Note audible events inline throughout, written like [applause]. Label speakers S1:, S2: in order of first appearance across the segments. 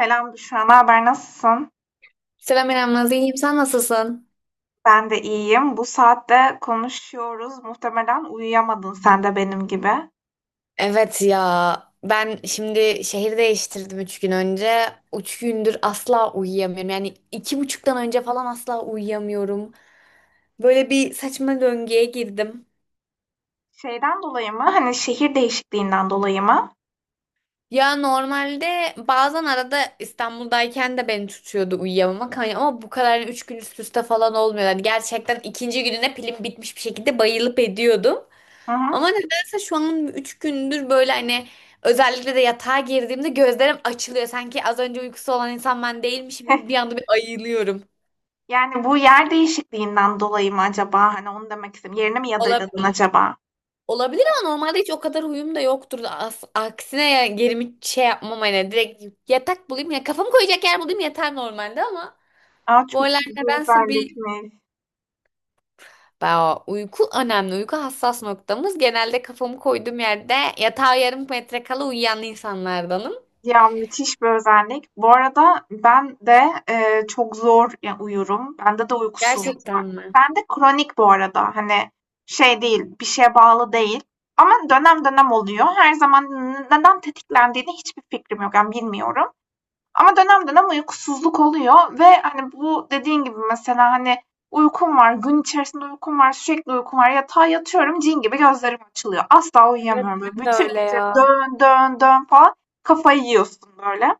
S1: Selam Büşra, ne haber, nasılsın?
S2: Selam İrem, Naz, iyiyim. Sen nasılsın?
S1: Ben de iyiyim. Bu saatte konuşuyoruz. Muhtemelen uyuyamadın sen de benim gibi.
S2: Evet ya, ben şimdi şehir değiştirdim 3 gün önce. 3 gündür asla uyuyamıyorum. Yani 2.30'dan önce falan asla uyuyamıyorum. Böyle bir saçma döngüye girdim.
S1: Şeyden dolayı mı? Hani şehir değişikliğinden dolayı mı?
S2: Ya normalde bazen arada İstanbul'dayken de beni tutuyordu uyuyamamak. Hani ama bu kadar yani 3 gün üst üste falan olmuyor. Yani gerçekten 2. gününe pilim bitmiş bir şekilde bayılıp ediyordum.
S1: Hı hı.
S2: Ama nedense şu an 3 gündür böyle hani özellikle de yatağa girdiğimde gözlerim açılıyor. Sanki az önce uykusu olan insan ben değilmişim gibi bir
S1: [laughs]
S2: anda bir ayılıyorum.
S1: Yani bu yer değişikliğinden dolayı mı acaba? Hani onu demek istedim. Yerini mi
S2: Ola-
S1: yadırgadın acaba?
S2: olabilir ama normalde hiç o kadar huyum da yoktur. Aksine ya gerimi şey yapmam hani direkt yatak bulayım ya kafamı koyacak yer bulayım yeter normalde ama
S1: Aa,
S2: bu
S1: çok
S2: aralar
S1: iyi bir
S2: nedense bir.
S1: özellikmiş.
S2: Uyku önemli. Uyku hassas noktamız. Genelde kafamı koyduğum yerde yatağa 0,5 metre kala uyuyan insanlardanım.
S1: Ya müthiş bir özellik. Bu arada ben de çok zor ya, uyurum. Bende de uykusuzluk var.
S2: Gerçekten mi?
S1: Ben de kronik bu arada. Hani şey değil, bir şeye bağlı değil. Ama dönem dönem oluyor. Her zaman neden tetiklendiğini hiçbir fikrim yok. Yani bilmiyorum. Ama dönem dönem uykusuzluk oluyor ve hani bu dediğin gibi mesela hani uykum var, gün içerisinde uykum var, sürekli uykum var. Yatağa yatıyorum, cin gibi gözlerim açılıyor. Asla
S2: Evet,
S1: uyuyamıyorum böyle.
S2: ben de
S1: Bütün
S2: öyle
S1: gece
S2: ya.
S1: dön dön dön falan kafayı yiyorsun böyle.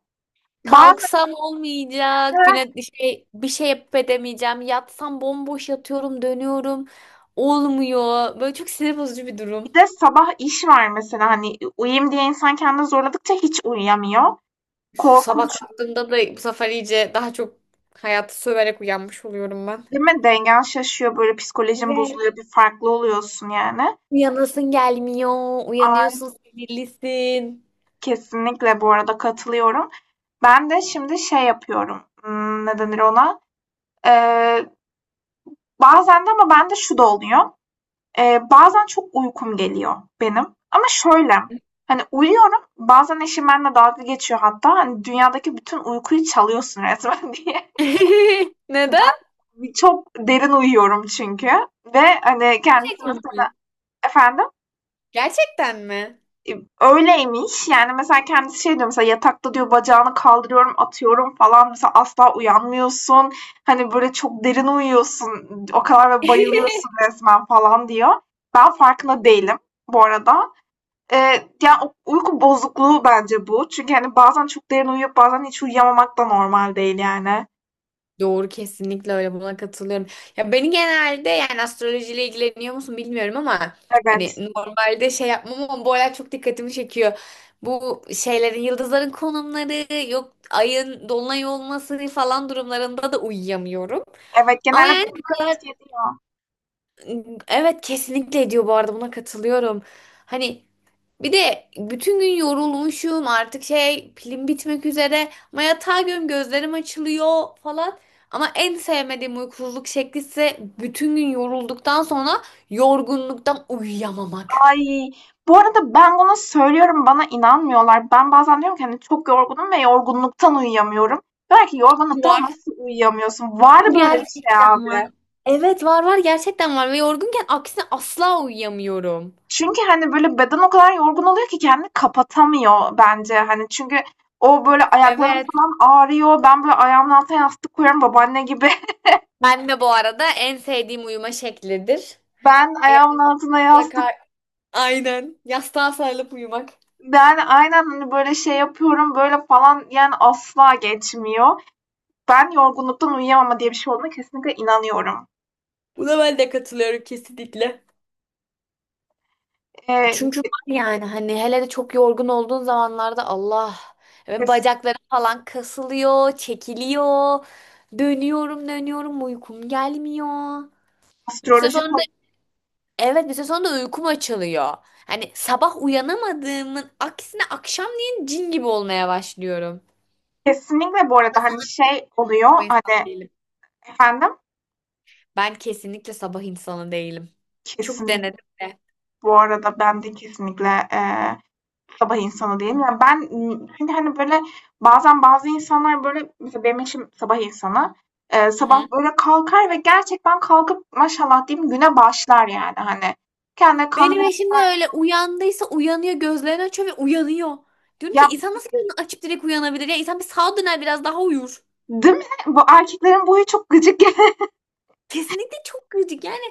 S1: Bazen
S2: Kalksam olmayacak. Güne
S1: de
S2: şey, bir şey yapıp edemeyeceğim. Yatsam bomboş yatıyorum, dönüyorum. Olmuyor. Böyle çok sinir bozucu bir durum.
S1: bir de sabah iş var mesela hani uyuyayım diye insan kendini zorladıkça hiç uyuyamıyor.
S2: Sabah
S1: Korkunç
S2: kalktığımda da bu sefer iyice daha çok hayatı söverek uyanmış oluyorum ben.
S1: değil mi? Dengen şaşıyor, böyle psikolojin
S2: Evet.
S1: bozuluyor, bir farklı oluyorsun yani.
S2: Uyanasın gelmiyor.
S1: Ay,
S2: Uyanıyorsun, sinirlisin.
S1: kesinlikle bu arada katılıyorum. Ben de şimdi şey yapıyorum, ne denir ona? Eee, bazen de ama bende şu da oluyor, bazen çok uykum geliyor benim, ama şöyle, hani, uyuyorum, bazen eşim benimle dalga geçiyor hatta, hani, "Dünyadaki bütün uykuyu çalıyorsun resmen." [laughs] diye.
S2: [laughs] Neden?
S1: Ben çok derin uyuyorum çünkü, ve, hani, kendisi mesela. Efendim?
S2: Gerçekten mi?
S1: Öyleymiş. Yani mesela kendisi şey diyor, mesela yatakta diyor bacağını kaldırıyorum, atıyorum falan. Mesela asla uyanmıyorsun. Hani böyle çok derin uyuyorsun. O kadar ve
S2: [laughs]
S1: bayılıyorsun resmen falan diyor. Ben farkında değilim bu arada. Yani o uyku bozukluğu bence bu. Çünkü hani bazen çok derin uyuyup bazen hiç uyuyamamak da normal değil yani.
S2: Doğru, kesinlikle öyle, buna katılıyorum. Ya beni genelde, yani astrolojiyle ilgileniyor musun bilmiyorum ama hani
S1: Evet.
S2: normalde şey yapmam ama bu olay çok dikkatimi çekiyor. Bu şeylerin, yıldızların konumları, yok ayın dolunay olması falan durumlarında da uyuyamıyorum.
S1: Evet,
S2: Ama
S1: genelde
S2: yani bu
S1: durumdan
S2: kadar,
S1: etki ediyor.
S2: evet kesinlikle diyor, bu arada buna katılıyorum. Hani bir de bütün gün yorulmuşum, artık şey, pilim bitmek üzere ama yatağa göm, gözlerim açılıyor falan. Ama en sevmediğim uykusuzluk şekli ise bütün gün yorulduktan sonra yorgunluktan uyuyamamak.
S1: Ay, bu arada ben bunu söylüyorum, bana inanmıyorlar. Ben bazen diyorum ki hani çok yorgunum ve yorgunluktan uyuyamıyorum. Diyorlar ki yorgunluktan
S2: Var.
S1: nasıl uyuyamıyorsun? Var
S2: Bu
S1: böyle bir şey
S2: gerçekten var.
S1: abi.
S2: Evet, var var gerçekten var ve yorgunken aksine asla uyuyamıyorum.
S1: Çünkü hani böyle beden o kadar yorgun oluyor ki kendini kapatamıyor bence. Hani çünkü o böyle ayaklarım
S2: Evet.
S1: falan ağrıyor. Ben böyle ayağımın altına yastık koyuyorum babaanne gibi. [laughs]
S2: Ben de bu arada en sevdiğim uyuma şeklidir.
S1: Ben ayağımın
S2: Yani
S1: altına yastık
S2: mutlaka aynen yastığa sarılıp uyumak.
S1: Yani aynen, hani böyle şey yapıyorum, böyle falan yani asla geçmiyor. Ben yorgunluktan uyuyamama diye bir şey olduğuna kesinlikle inanıyorum.
S2: Buna ben de katılıyorum kesinlikle.
S1: Eee,
S2: Çünkü var yani, hani hele de çok yorgun olduğun zamanlarda Allah, ve
S1: kes
S2: bacaklarım falan kasılıyor, çekiliyor. Dönüyorum, dönüyorum, uykum gelmiyor. Bir süre
S1: astroloji
S2: sonra
S1: ko
S2: da, evet bir süre sonra da uykum açılıyor. Hani sabah uyanamadığımın aksine akşamleyin cin gibi olmaya başlıyorum.
S1: Kesinlikle bu arada, hani, şey oluyor,
S2: O insan
S1: hani.
S2: değilim.
S1: Efendim?
S2: Ben kesinlikle sabah insanı değilim. Çok
S1: Kesinlikle
S2: denedim de.
S1: bu arada ben de kesinlikle, sabah insanı değilim. Yani ben, çünkü, hani, böyle bazen bazı insanlar, böyle, mesela benim eşim sabah insanı.
S2: Hı
S1: Sabah
S2: hı.
S1: böyle kalkar ve gerçekten kalkıp maşallah diyeyim güne başlar yani, hani. Kendine kahve
S2: Benim eşim de
S1: yapar.
S2: öyle, uyandıysa uyanıyor, gözlerini açıyor ve uyanıyor. Diyorum ki,
S1: Ya,
S2: insan nasıl gözünü açıp direkt uyanabilir? Ya insan bir sağa döner, biraz daha uyur.
S1: değil mi? Bu erkeklerin bu huyu çok gıcık.
S2: Kesinlikle çok gıcık yani,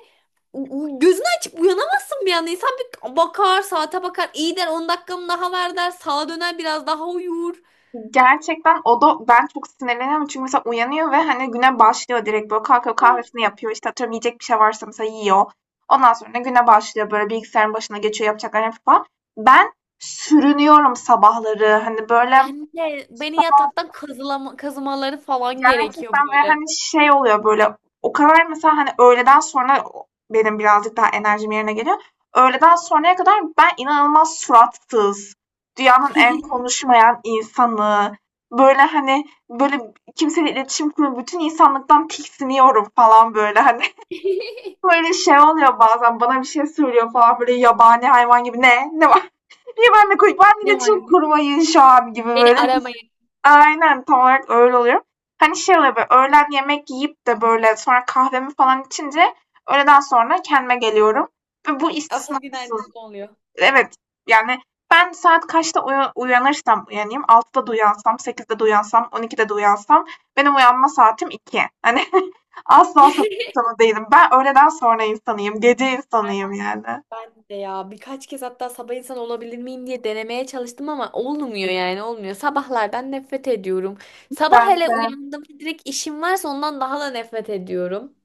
S2: gözünü açıp uyanamazsın bir anda. İnsan bir bakar, saate bakar, iyi der, 10 dakikamı daha ver der, sağa döner, biraz daha uyur.
S1: Gerçekten, o da ben çok sinirleniyorum çünkü mesela uyanıyor ve hani güne başlıyor, direkt böyle kalkıyor, kahvesini yapıyor, işte atıyorum yiyecek bir şey varsa mesela yiyor. Ondan sonra güne başlıyor, böyle bilgisayarın başına geçiyor yapacak falan. Ben sürünüyorum sabahları, hani böyle.
S2: Ben de, beni yataktan kazımaları falan gerekiyor
S1: Gerçekten, ve
S2: böyle.
S1: hani şey oluyor böyle, o kadar mesela, hani, öğleden sonra o benim birazcık daha enerjim yerine geliyor. Öğleden sonraya kadar ben inanılmaz suratsız, dünyanın en
S2: [laughs]
S1: konuşmayan insanı, böyle, hani, böyle kimseyle iletişim kurma, bütün insanlıktan tiksiniyorum falan böyle, hani. [laughs] Böyle şey oluyor bazen, bana bir şey söylüyor falan böyle yabani hayvan gibi. "Ne? Ne var?" Niye benimle konuş? Ben
S2: Ne var?
S1: iletişim kurmayın şu an gibi
S2: Beni
S1: böyle düşün.
S2: aramayın.
S1: Aynen, tam olarak öyle oluyor. Hani şey oluyor böyle, öğlen yemek yiyip de böyle sonra kahvemi falan içince öğleden sonra kendime geliyorum. Ve bu
S2: Asıl
S1: istisnasız.
S2: günaydınız oluyor.
S1: Evet yani ben saat kaçta uyanırsam uyanayım. 6'da da uyansam, 8'de de uyansam, 12'de de uyansam, benim uyanma saatim iki. Hani [laughs] asla sapık
S2: [laughs]
S1: insanı değilim. Ben öğleden sonra insanıyım. Gece insanıyım yani.
S2: Ben de ya, birkaç kez hatta sabah insan olabilir miyim diye denemeye çalıştım ama olmuyor, yani olmuyor. Sabahlardan nefret ediyorum. Sabah
S1: Ben
S2: hele
S1: de.
S2: uyandığımda direkt işim varsa ondan daha da nefret ediyorum.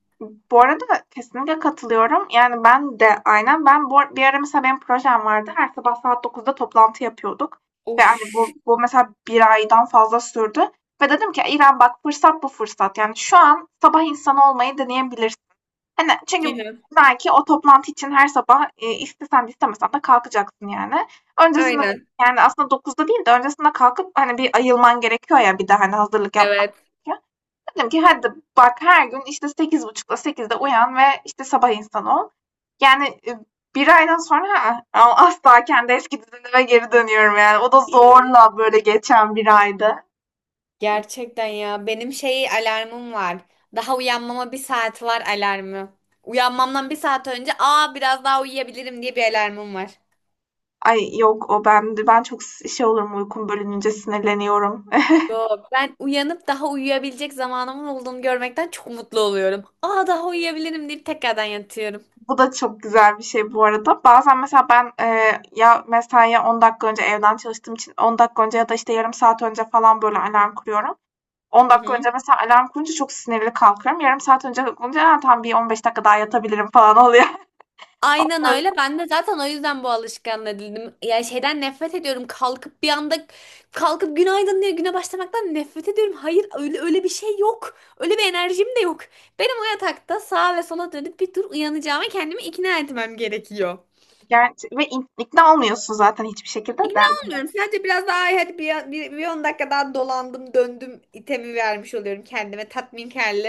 S1: Bu arada kesinlikle katılıyorum. Yani ben de aynen, ben bu bir ara mesela benim projem vardı. Her sabah saat 9'da toplantı yapıyorduk. Ve hani bu mesela bir aydan fazla sürdü. Ve dedim ki İrem bak, fırsat bu fırsat. Yani şu an sabah insanı olmayı deneyebilirsin. Hani
S2: Hı
S1: çünkü
S2: hı.
S1: belki o toplantı için her sabah istesen de istemesen de kalkacaksın yani. Öncesinde,
S2: Aynen.
S1: yani aslında 9'da değil de öncesinde kalkıp hani bir ayılman gerekiyor ya, bir de hani hazırlık yapmak
S2: Evet.
S1: gerekiyor. Dedim ki hadi bak, her gün işte 8.30'da, 8'de uyan ve işte sabah insanı ol. Yani bir aydan sonra, "Ha, ama asla kendi eski düzenime geri dönüyorum yani. O da zorla böyle geçen bir aydı.
S2: Gerçekten ya, benim şey alarmım var. Daha uyanmama 1 saat var alarmı. Uyanmamdan 1 saat önce, aa biraz daha uyuyabilirim diye bir alarmım var.
S1: Ay yok o ben çok şey olurum, uykum bölününce sinirleniyorum. [laughs]
S2: Yok, ben uyanıp daha uyuyabilecek zamanımın olduğunu görmekten çok mutlu oluyorum. Aa daha uyuyabilirim deyip tekrardan yatıyorum.
S1: Bu da çok güzel bir şey bu arada. Bazen mesela ben ya mesaiye 10 dakika önce evden çalıştığım için 10 dakika önce ya da işte yarım saat önce falan böyle alarm kuruyorum. 10
S2: Hı
S1: dakika
S2: hı.
S1: önce mesela alarm kurunca çok sinirli kalkıyorum. Yarım saat önce kalkınca, "Ha, tam bir 15 dakika daha yatabilirim falan oluyor. [laughs]
S2: Aynen öyle. Ben de zaten o yüzden bu alışkanlığa edindim. Ya şeyden nefret ediyorum. Kalkıp bir anda kalkıp günaydın diye güne başlamaktan nefret ediyorum. Hayır, öyle öyle bir şey yok. Öyle bir enerjim de yok. Benim o yatakta sağa ve sola dönüp bir tur uyanacağıma kendimi ikna etmem gerekiyor.
S1: Gerçi, ve ikna olmuyorsun zaten hiçbir şekilde
S2: İkna
S1: de.
S2: olmuyorum. Sadece biraz daha, "Ay, hadi bir 10 dakika daha," dolandım döndüm itemi vermiş oluyorum kendime tatminkarlı.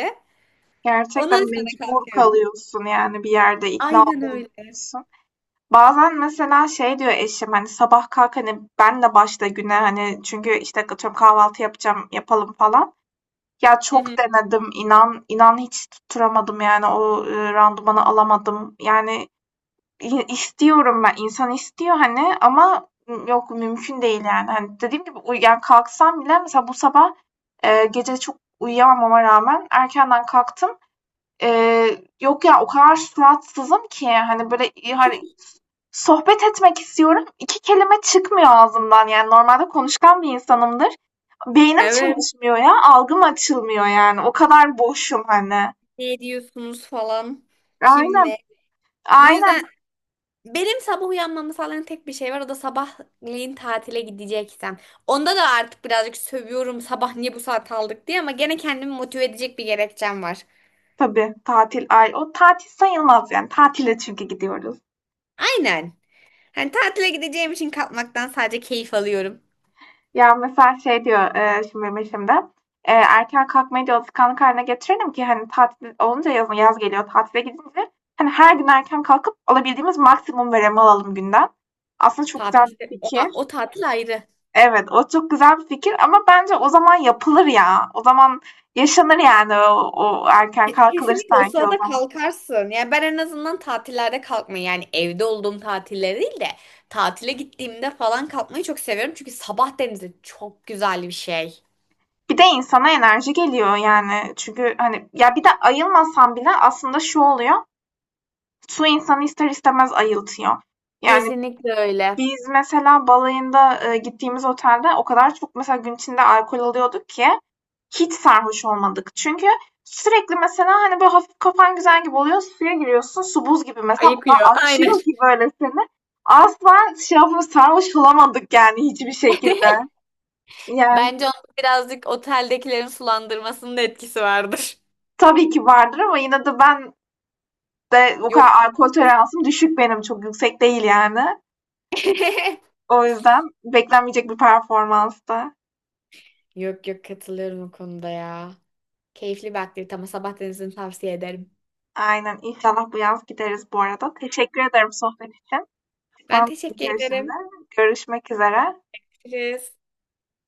S2: Ondan
S1: Gerçekten
S2: sonra
S1: mecbur
S2: kalkıyorum.
S1: kalıyorsun yani, bir yerde ikna
S2: Aynen öyle.
S1: olmuyorsun. Bazen mesela şey diyor eşim, hani sabah kalk, hani ben de başla güne, hani çünkü işte atıyorum kahvaltı yapacağım yapalım falan. Ya
S2: Hı
S1: çok
S2: hı.
S1: denedim, inan inan hiç tutturamadım yani o randımanı alamadım. Yani istiyorum ben, insan istiyor hani, ama yok, mümkün değil yani. Hani dediğim gibi yani kalksam bile mesela bu sabah, gece çok uyuyamamama rağmen erkenden kalktım. Yok ya, o kadar suratsızım ki hani böyle, hani sohbet etmek istiyorum, 2 kelime çıkmıyor ağzımdan, yani normalde konuşkan bir insanımdır. Beynim
S2: Evet.
S1: çalışmıyor ya, algım açılmıyor, yani o kadar boşum hani.
S2: Ne diyorsunuz falan. Kim
S1: Aynen,
S2: ne? Bu yüzden
S1: aynen.
S2: benim sabah uyanmamı sağlayan tek bir şey var. O da sabahleyin tatile gideceksem. Onda da artık birazcık sövüyorum, sabah niye bu saat aldık diye, ama gene kendimi motive edecek bir gerekçem var.
S1: Tabii tatil, ay o tatil sayılmaz yani, tatile çünkü gidiyoruz.
S2: Aynen. Hani tatile gideceğim için kalkmaktan sadece keyif alıyorum.
S1: Ya mesela şey diyor şimdi benim eşim de erken kalkmayı diyor alışkanlık haline getirelim ki hani tatil olunca, yazın yaz geliyor tatile gidince, hani her gün erken kalkıp alabildiğimiz maksimum verimi alalım günden. Aslında çok güzel
S2: Tatilde
S1: bir
S2: o,
S1: fikir.
S2: o tatil ayrı.
S1: Evet, o çok güzel bir fikir ama bence o zaman yapılır ya. O zaman yaşanır yani, o erken kalkılır
S2: Kesinlikle o
S1: sanki o
S2: sırada
S1: zaman.
S2: kalkarsın. Yani ben en azından tatillerde kalkmayı, yani evde olduğum tatiller değil de tatile gittiğimde falan kalkmayı çok seviyorum. Çünkü sabah denizi çok güzel bir şey.
S1: Bir de insana enerji geliyor yani. Çünkü hani ya bir de ayılmasan bile aslında şu oluyor. Su insanı ister istemez ayıltıyor. Yani
S2: Kesinlikle öyle.
S1: biz mesela balayında gittiğimiz otelde o kadar çok mesela gün içinde alkol alıyorduk ki hiç sarhoş olmadık. Çünkü sürekli mesela hani böyle hafif kafan güzel gibi oluyor. Suya giriyorsun. Su buz gibi, mesela ona
S2: Ayıkıyor. Aynen.
S1: açıyor ki böyle seni. Asla şey yapıp sarhoş olamadık yani, hiçbir şekilde.
S2: [laughs]
S1: Yani
S2: Bence onun birazcık oteldekilerin sulandırmasının da etkisi vardır.
S1: tabii ki vardır ama yine de ben de o
S2: Yok.
S1: kadar alkol
S2: Kesin-
S1: toleransım düşük benim. Çok yüksek değil yani.
S2: [laughs]
S1: O yüzden beklenmeyecek bir performanstı.
S2: Yok yok, katılıyorum o konuda ya. Keyifli bir aktivite ama sabah denizini tavsiye ederim.
S1: Aynen. İnşallah bu yaz gideriz bu arada. Teşekkür ederim sohbet için.
S2: Ben
S1: Ben
S2: teşekkür
S1: şimdi.
S2: ederim.
S1: Görüşmek üzere.
S2: Görüşürüz.